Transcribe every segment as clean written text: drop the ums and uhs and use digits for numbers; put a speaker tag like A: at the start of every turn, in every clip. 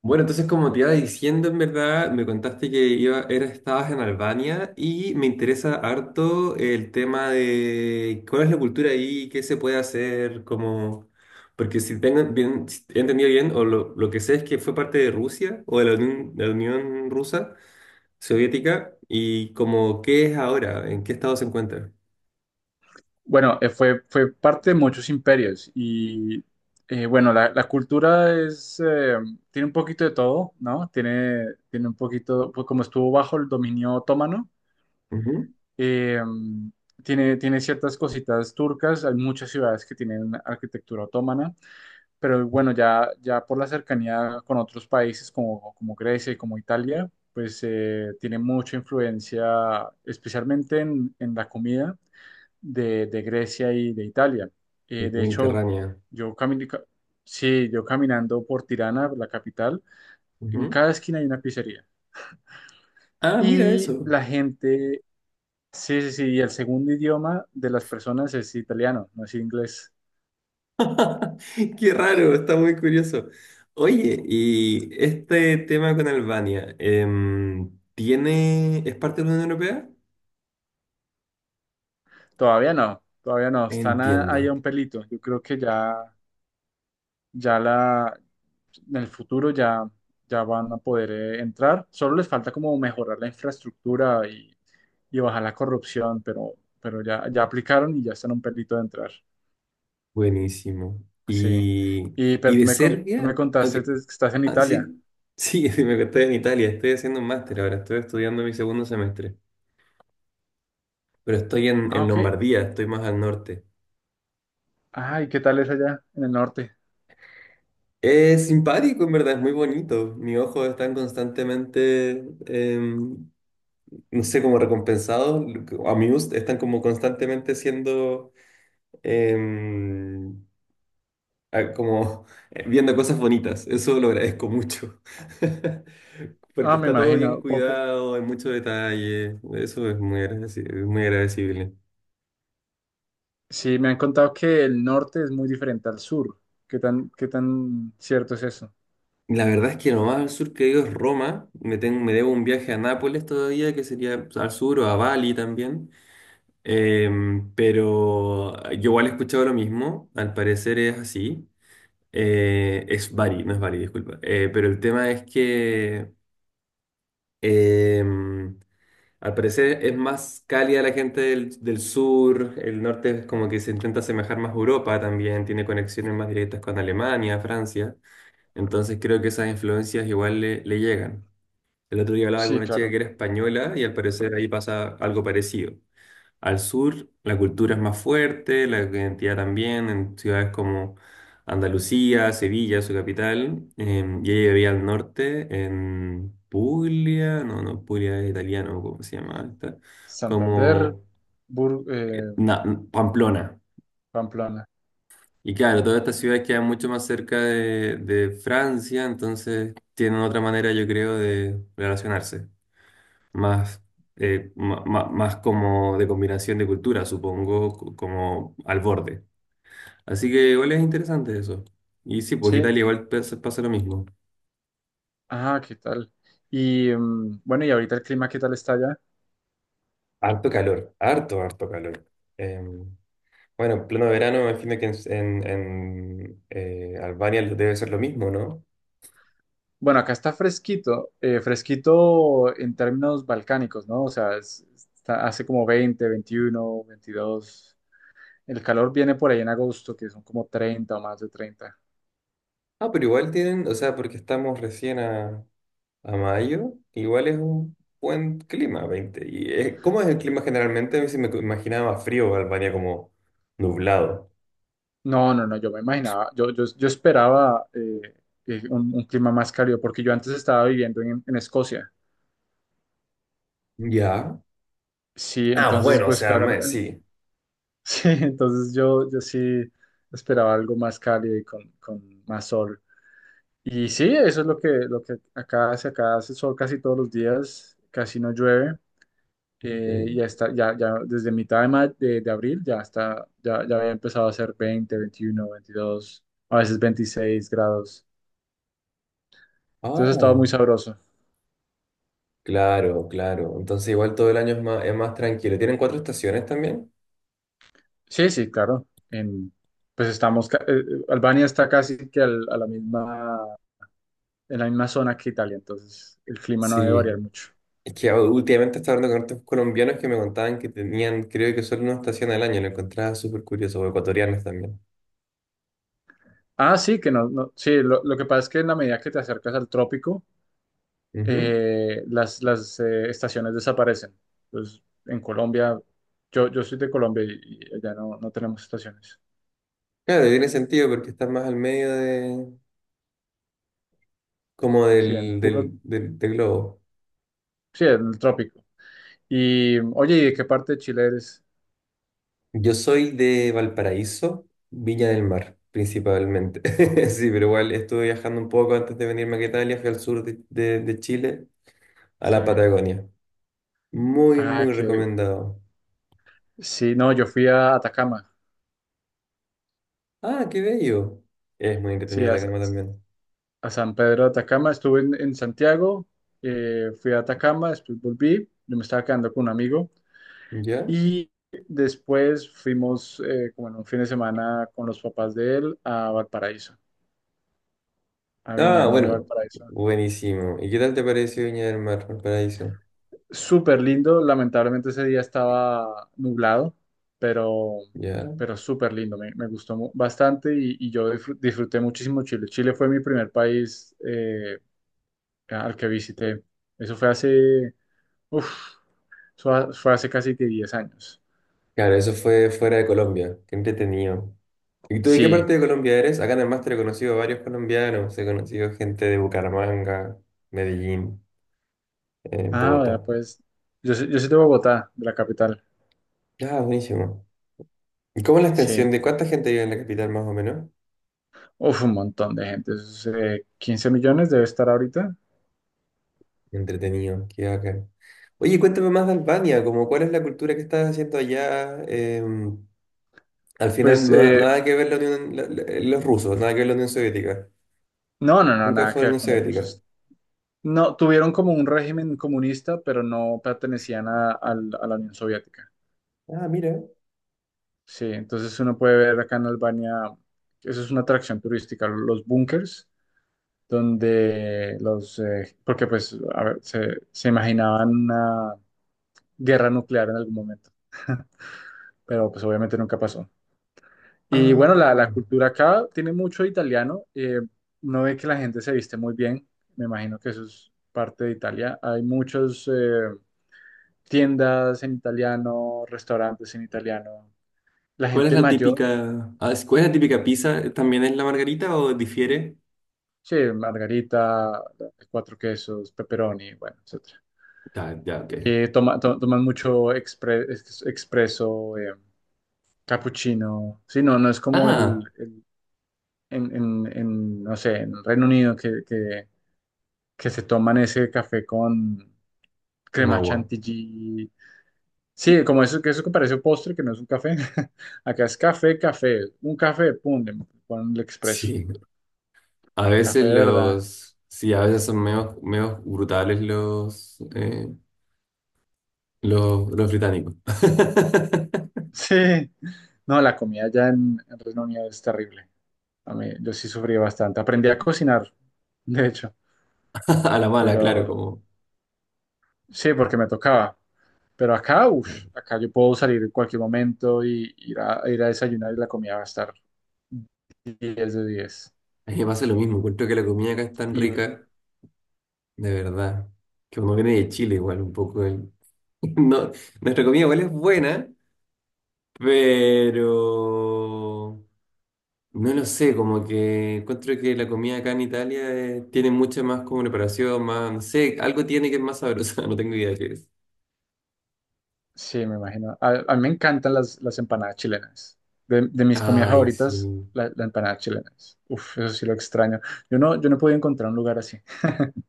A: Bueno, entonces como te iba diciendo, en verdad, me contaste que iba, era, estabas en Albania y me interesa harto el tema de cuál es la cultura ahí, qué se puede hacer, como... Porque si tengo bien, si he entendido bien, o lo que sé es que fue parte de Rusia o de la Unión Rusa Soviética y como qué es ahora, en qué estado se encuentra.
B: Bueno, fue parte de muchos imperios y bueno, la cultura es, tiene un poquito de todo, ¿no? Tiene un poquito, pues como estuvo bajo el dominio otomano,
A: Ujú.
B: eh, tiene ciertas cositas turcas, hay muchas ciudades que tienen arquitectura otomana, pero bueno, ya por la cercanía con otros países como Grecia y como Italia, pues tiene mucha influencia, especialmente en la comida de Grecia y de Italia. De hecho,
A: Mediterránea.
B: yo, cami- ca- sí, yo caminando por Tirana, la capital, en
A: Ujú.
B: cada esquina hay una pizzería.
A: Ah, mira
B: Y
A: eso.
B: la gente, sí, sí, sí, y el segundo idioma de las personas es italiano, no es inglés.
A: Qué raro, está muy curioso. Oye, y este tema con Albania, ¿tiene, es parte de la Unión Europea?
B: Todavía no, están
A: Entiendo.
B: ahí a un pelito. Yo creo que ya, ya la, en el futuro ya van a poder entrar. Solo les falta como mejorar la infraestructura y bajar la corrupción, pero, pero ya aplicaron y ya están a un pelito de entrar.
A: Buenísimo.
B: Sí. Y,
A: Y
B: pero
A: de
B: tú me
A: Serbia, ok,
B: contaste que estás en
A: ah,
B: Italia.
A: sí, sí, sí, me estoy en Italia, estoy haciendo un máster ahora, estoy estudiando mi segundo semestre, pero estoy
B: Ah,
A: en
B: ok.
A: Lombardía, estoy más al norte.
B: Ay, ¿qué tal es allá en el norte?
A: Es simpático, en verdad, es muy bonito. Mis ojos están constantemente no sé, como recompensados, amused, están como constantemente siendo, em, ah, como viendo cosas bonitas. Eso lo agradezco mucho.
B: Ah,
A: Porque
B: me
A: está todo bien
B: imagino.
A: cuidado, hay mucho detalle. Eso es muy agradecible, es muy agradecible.
B: Sí, me han contado que el norte es muy diferente al sur. ¿Qué tan cierto es eso?
A: La verdad es que lo más al sur que he ido es Roma. Me, tengo, me debo un viaje a Nápoles todavía, que sería pues, al sur o a Bali también. Pero yo igual he escuchado lo mismo, al parecer es así. Es Bari, no es Bari, disculpa. Pero el tema es que em, al parecer es más cálida la gente del, del sur, el norte es como que se intenta asemejar más a Europa también, tiene conexiones más directas con Alemania, Francia, entonces creo que esas influencias igual le, le llegan. El otro día hablaba con
B: Sí,
A: una chica
B: claro.
A: que era española y al parecer ahí pasa algo parecido. Al sur la cultura es más fuerte, la identidad también, en ciudades como Andalucía, Sevilla, su capital, y ella vivía al norte, en Puglia, no, no, Puglia es italiano, ¿cómo se llama esta?
B: Santander,
A: Como
B: Bur-
A: eh,
B: eh,
A: na- Pamplona.
B: Pamplona.
A: Y claro, todas estas ciudades quedan mucho más cerca de Francia, entonces tienen otra manera, yo creo, de relacionarse, más más como de combinación de cultura, supongo, como al borde. Así que igual es interesante eso. Y sí, porque
B: Sí.
A: Italia igual pasa, pasa lo mismo.
B: Ah, ¿qué tal? Y bueno, y ahorita el clima, ¿qué tal está allá?
A: Harto calor, harto, harto calor. Eh, bueno, en pleno verano, me imagino que Albania debe ser lo mismo, ¿no?
B: Bueno, acá está fresquito, fresquito en términos balcánicos, ¿no? O sea, hace como 20, 21, 22. El calor viene por ahí en agosto, que son como 30 o más de 30.
A: Ah, pero igual tienen, o sea, porque estamos recién a mayo, igual es un buen clima, veinte. ¿Y cómo es el clima generalmente? A mí sí me imaginaba más frío Albania como nublado.
B: No, no, no, yo me imaginaba, yo esperaba un clima más cálido, porque yo antes estaba viviendo en, Escocia.
A: Ya.
B: Sí,
A: Ah,
B: entonces,
A: bueno, o
B: pues
A: sea,
B: claro,
A: sí.
B: sí, entonces yo sí esperaba algo más cálido y con más sol. Y sí, eso es lo que acá hace. Acá hace sol casi todos los días, casi no llueve. Ya
A: Ok.
B: está, ya desde mitad de abril ya está, ya había empezado a hacer 20 21 22 a veces 26 grados. Entonces ha estado muy
A: Ah.
B: sabroso.
A: Claro, claro. Entonces igual todo el año es más tranquilo. ¿Tienen cuatro estaciones también?
B: Sí, sí, claro. En, pues estamos, ca- Albania está casi que a la misma, en la misma zona que Italia, entonces el clima no debe
A: Sí.
B: variar mucho.
A: Es que últimamente estaba hablando con otros colombianos que me contaban que tenían, creo que solo una estación al año. Lo encontraba súper curioso, o ecuatorianos también.
B: Ah, sí, que no, no, sí, lo que pasa es que en la medida que te acercas al trópico,
A: Ujú.
B: las estaciones desaparecen. Entonces, en Colombia, yo soy de Colombia y allá no tenemos estaciones.
A: Claro, tiene sentido porque estás más al medio de, como
B: Sí, en
A: del globo.
B: sí, en el trópico. Y, oye, ¿y de qué parte de Chile eres?
A: Yo soy de Valparaíso, Viña del Mar, principalmente. Sí, pero igual estuve viajando un poco antes de venirme a Italia, fui al sur de, de Chile, a
B: Sí.
A: la Patagonia. Muy,
B: Ah,
A: muy
B: que
A: recomendado.
B: sí, no, yo fui a Atacama,
A: Ah, qué bello. Es muy
B: sí,
A: entretenido
B: a,
A: la calma también.
B: a San Pedro de Atacama, estuve en Santiago, fui a Atacama, después volví, yo me estaba quedando con un amigo
A: ¿Ya?
B: y después fuimos como en un fin de semana con los papás de él a Valparaíso, a Viña
A: Ah,
B: del Mar y
A: bueno.
B: Valparaíso.
A: Buenísimo. ¿Y qué tal te pareció Viña del Mar, Paraíso?
B: Súper lindo, lamentablemente ese día estaba nublado, pero,
A: ¿Ya?
B: súper lindo, me gustó bastante y yo disfruté muchísimo Chile. Chile fue mi primer país al que visité. Eso fue hace, uf, eso fue hace casi que 10 años.
A: Claro, eso fue fuera de Colombia. Qué entretenido. ¿Y tú de qué
B: Sí,
A: parte de Colombia eres? Acá en el máster he conocido a varios colombianos. He conocido gente de Bucaramanga, Medellín,
B: ah, vea,
A: Bogotá.
B: pues yo soy de Bogotá, de la capital.
A: Ah, buenísimo. ¿Y cómo es la
B: Sí,
A: extensión de cuánta gente vive en la capital más o menos?
B: uf, un montón de gente, eso es, 15 millones debe estar ahorita.
A: Entretenido, qué bacán. Oye, cuéntame más de Albania, como cuál es la cultura que estás haciendo allá. Al final,
B: Pues
A: nada que ver la Unión- la- la- los rusos, nada que ver la Unión Soviética.
B: no, no, no,
A: Nunca
B: nada
A: fue
B: que
A: la Unión
B: ver con los
A: Soviética.
B: rusos. No, tuvieron como un régimen comunista, pero no pertenecían a la Unión Soviética.
A: Ah, mira.
B: Sí, entonces uno puede ver acá en Albania, eso es una atracción turística, los búnkers, porque pues, a ver, se imaginaban una guerra nuclear en algún momento, pero pues obviamente nunca pasó. Y bueno, la,
A: Ah,
B: la cultura acá tiene mucho italiano, uno ve que la gente se viste muy bien, me imagino que eso es parte de Italia, hay muchos tiendas en italiano, restaurantes en italiano. La
A: ¿cuál es
B: gente
A: la
B: mayor.
A: típica? ¿Cuál es la típica pizza? ¿También es la margarita o difiere?
B: Sí, margarita, cuatro quesos, pepperoni, bueno, etcétera.
A: Ah, ya, ok.
B: Toman mucho expreso, cappuccino. Sí, no es como
A: Ah,
B: no sé, en Reino Unido que se toman ese café con
A: con
B: crema
A: agua.
B: chantilly. Sí, como eso que parece un postre, que no es un café. Acá es café, café, un café, pum, le ponen el expreso.
A: Sí. A veces
B: Café, de ¿verdad?
A: los. Sí, a veces son menos, menos brutales los británicos.
B: Sí. No, la comida allá en, Reino Unido es terrible. A mí, yo sí sufrí bastante. Aprendí a cocinar, de hecho,
A: A la mala, claro,
B: pero
A: como...
B: sí, porque me tocaba. Pero acá,
A: Claro.
B: acá yo puedo salir en cualquier momento y ir a desayunar y la comida va a estar 10 de 10.
A: A mí me pasa lo mismo, encuentro que la comida acá es tan
B: Y
A: rica, de verdad, que uno viene de Chile igual un poco. No, nuestra comida igual es buena, pero... No lo sé, como que encuentro que la comida acá en Italia tiene mucha más como preparación, más, no sé, algo tiene que es más sabrosa, no tengo idea de qué es.
B: sí, me imagino. A mí me encantan las empanadas chilenas. De mis comidas
A: Ay, sí.
B: favoritas, la empanada chilena. Uf, eso sí lo extraño. Yo no he podido encontrar un lugar así.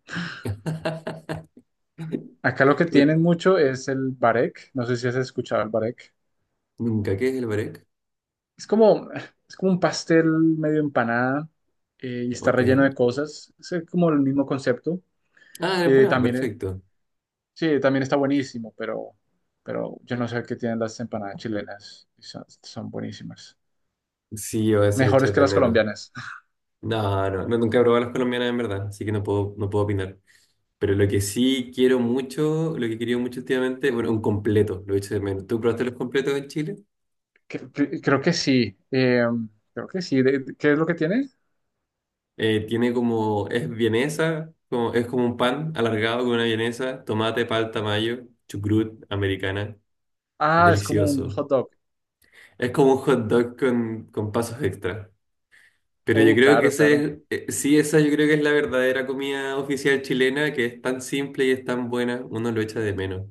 B: Acá lo que tienen
A: Uy,
B: mucho es el barek. No sé si has escuchado el barek.
A: nunca, ¿qué es el barec?
B: Es como un pastel medio empanada y está
A: Ok.
B: relleno de cosas. Es como el mismo concepto.
A: Ah, la
B: Eh,
A: empanada,
B: también, eh,
A: perfecto.
B: sí, también está buenísimo, pero, yo no sé qué tienen las empanadas chilenas. Y son buenísimas.
A: Sí, voy a hacer
B: Mejores
A: echar
B: que
A: de
B: las
A: menos.
B: colombianas.
A: No, no, no, nunca he probado las colombianas en verdad, así que no puedo, no puedo opinar. Pero lo que sí quiero mucho, lo que he querido mucho últimamente, bueno, un completo, lo he hecho de menos. ¿Tú probaste los completos en Chile?
B: Creo que sí. Creo que sí. ¿Qué es lo que tiene?
A: Tiene como, es vienesa, como, es como un pan alargado con una vienesa, tomate, palta, mayo, chucrut, americana,
B: Ah, es como un
A: delicioso.
B: hot dog.
A: Es como un hot dog con pasos extra. Pero yo
B: Oh,
A: creo que
B: claro, claro.
A: ese, sí, esa yo creo que es la verdadera comida oficial chilena, que es tan simple y es tan buena, uno lo echa de menos.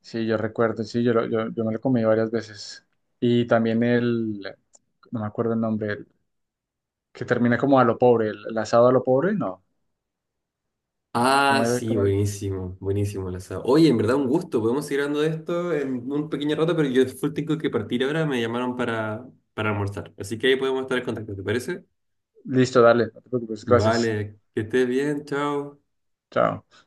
B: Sí, yo recuerdo, sí, yo me lo comí varias veces. Y también el, no me acuerdo el nombre, el que termina como a lo pobre, el asado a lo pobre, no. ¿Cómo
A: Ah,
B: era?
A: sí,
B: ¿Cómo era?
A: buenísimo, buenísimo el asado. Oye, en verdad un gusto, podemos seguir hablando de esto en un pequeño rato, pero yo full tengo que partir ahora, me llamaron para almorzar. Así que ahí podemos estar en contacto, ¿te parece?
B: Listo, dale, no te preocupes, gracias.
A: Vale, que estés bien, chao.
B: Chao.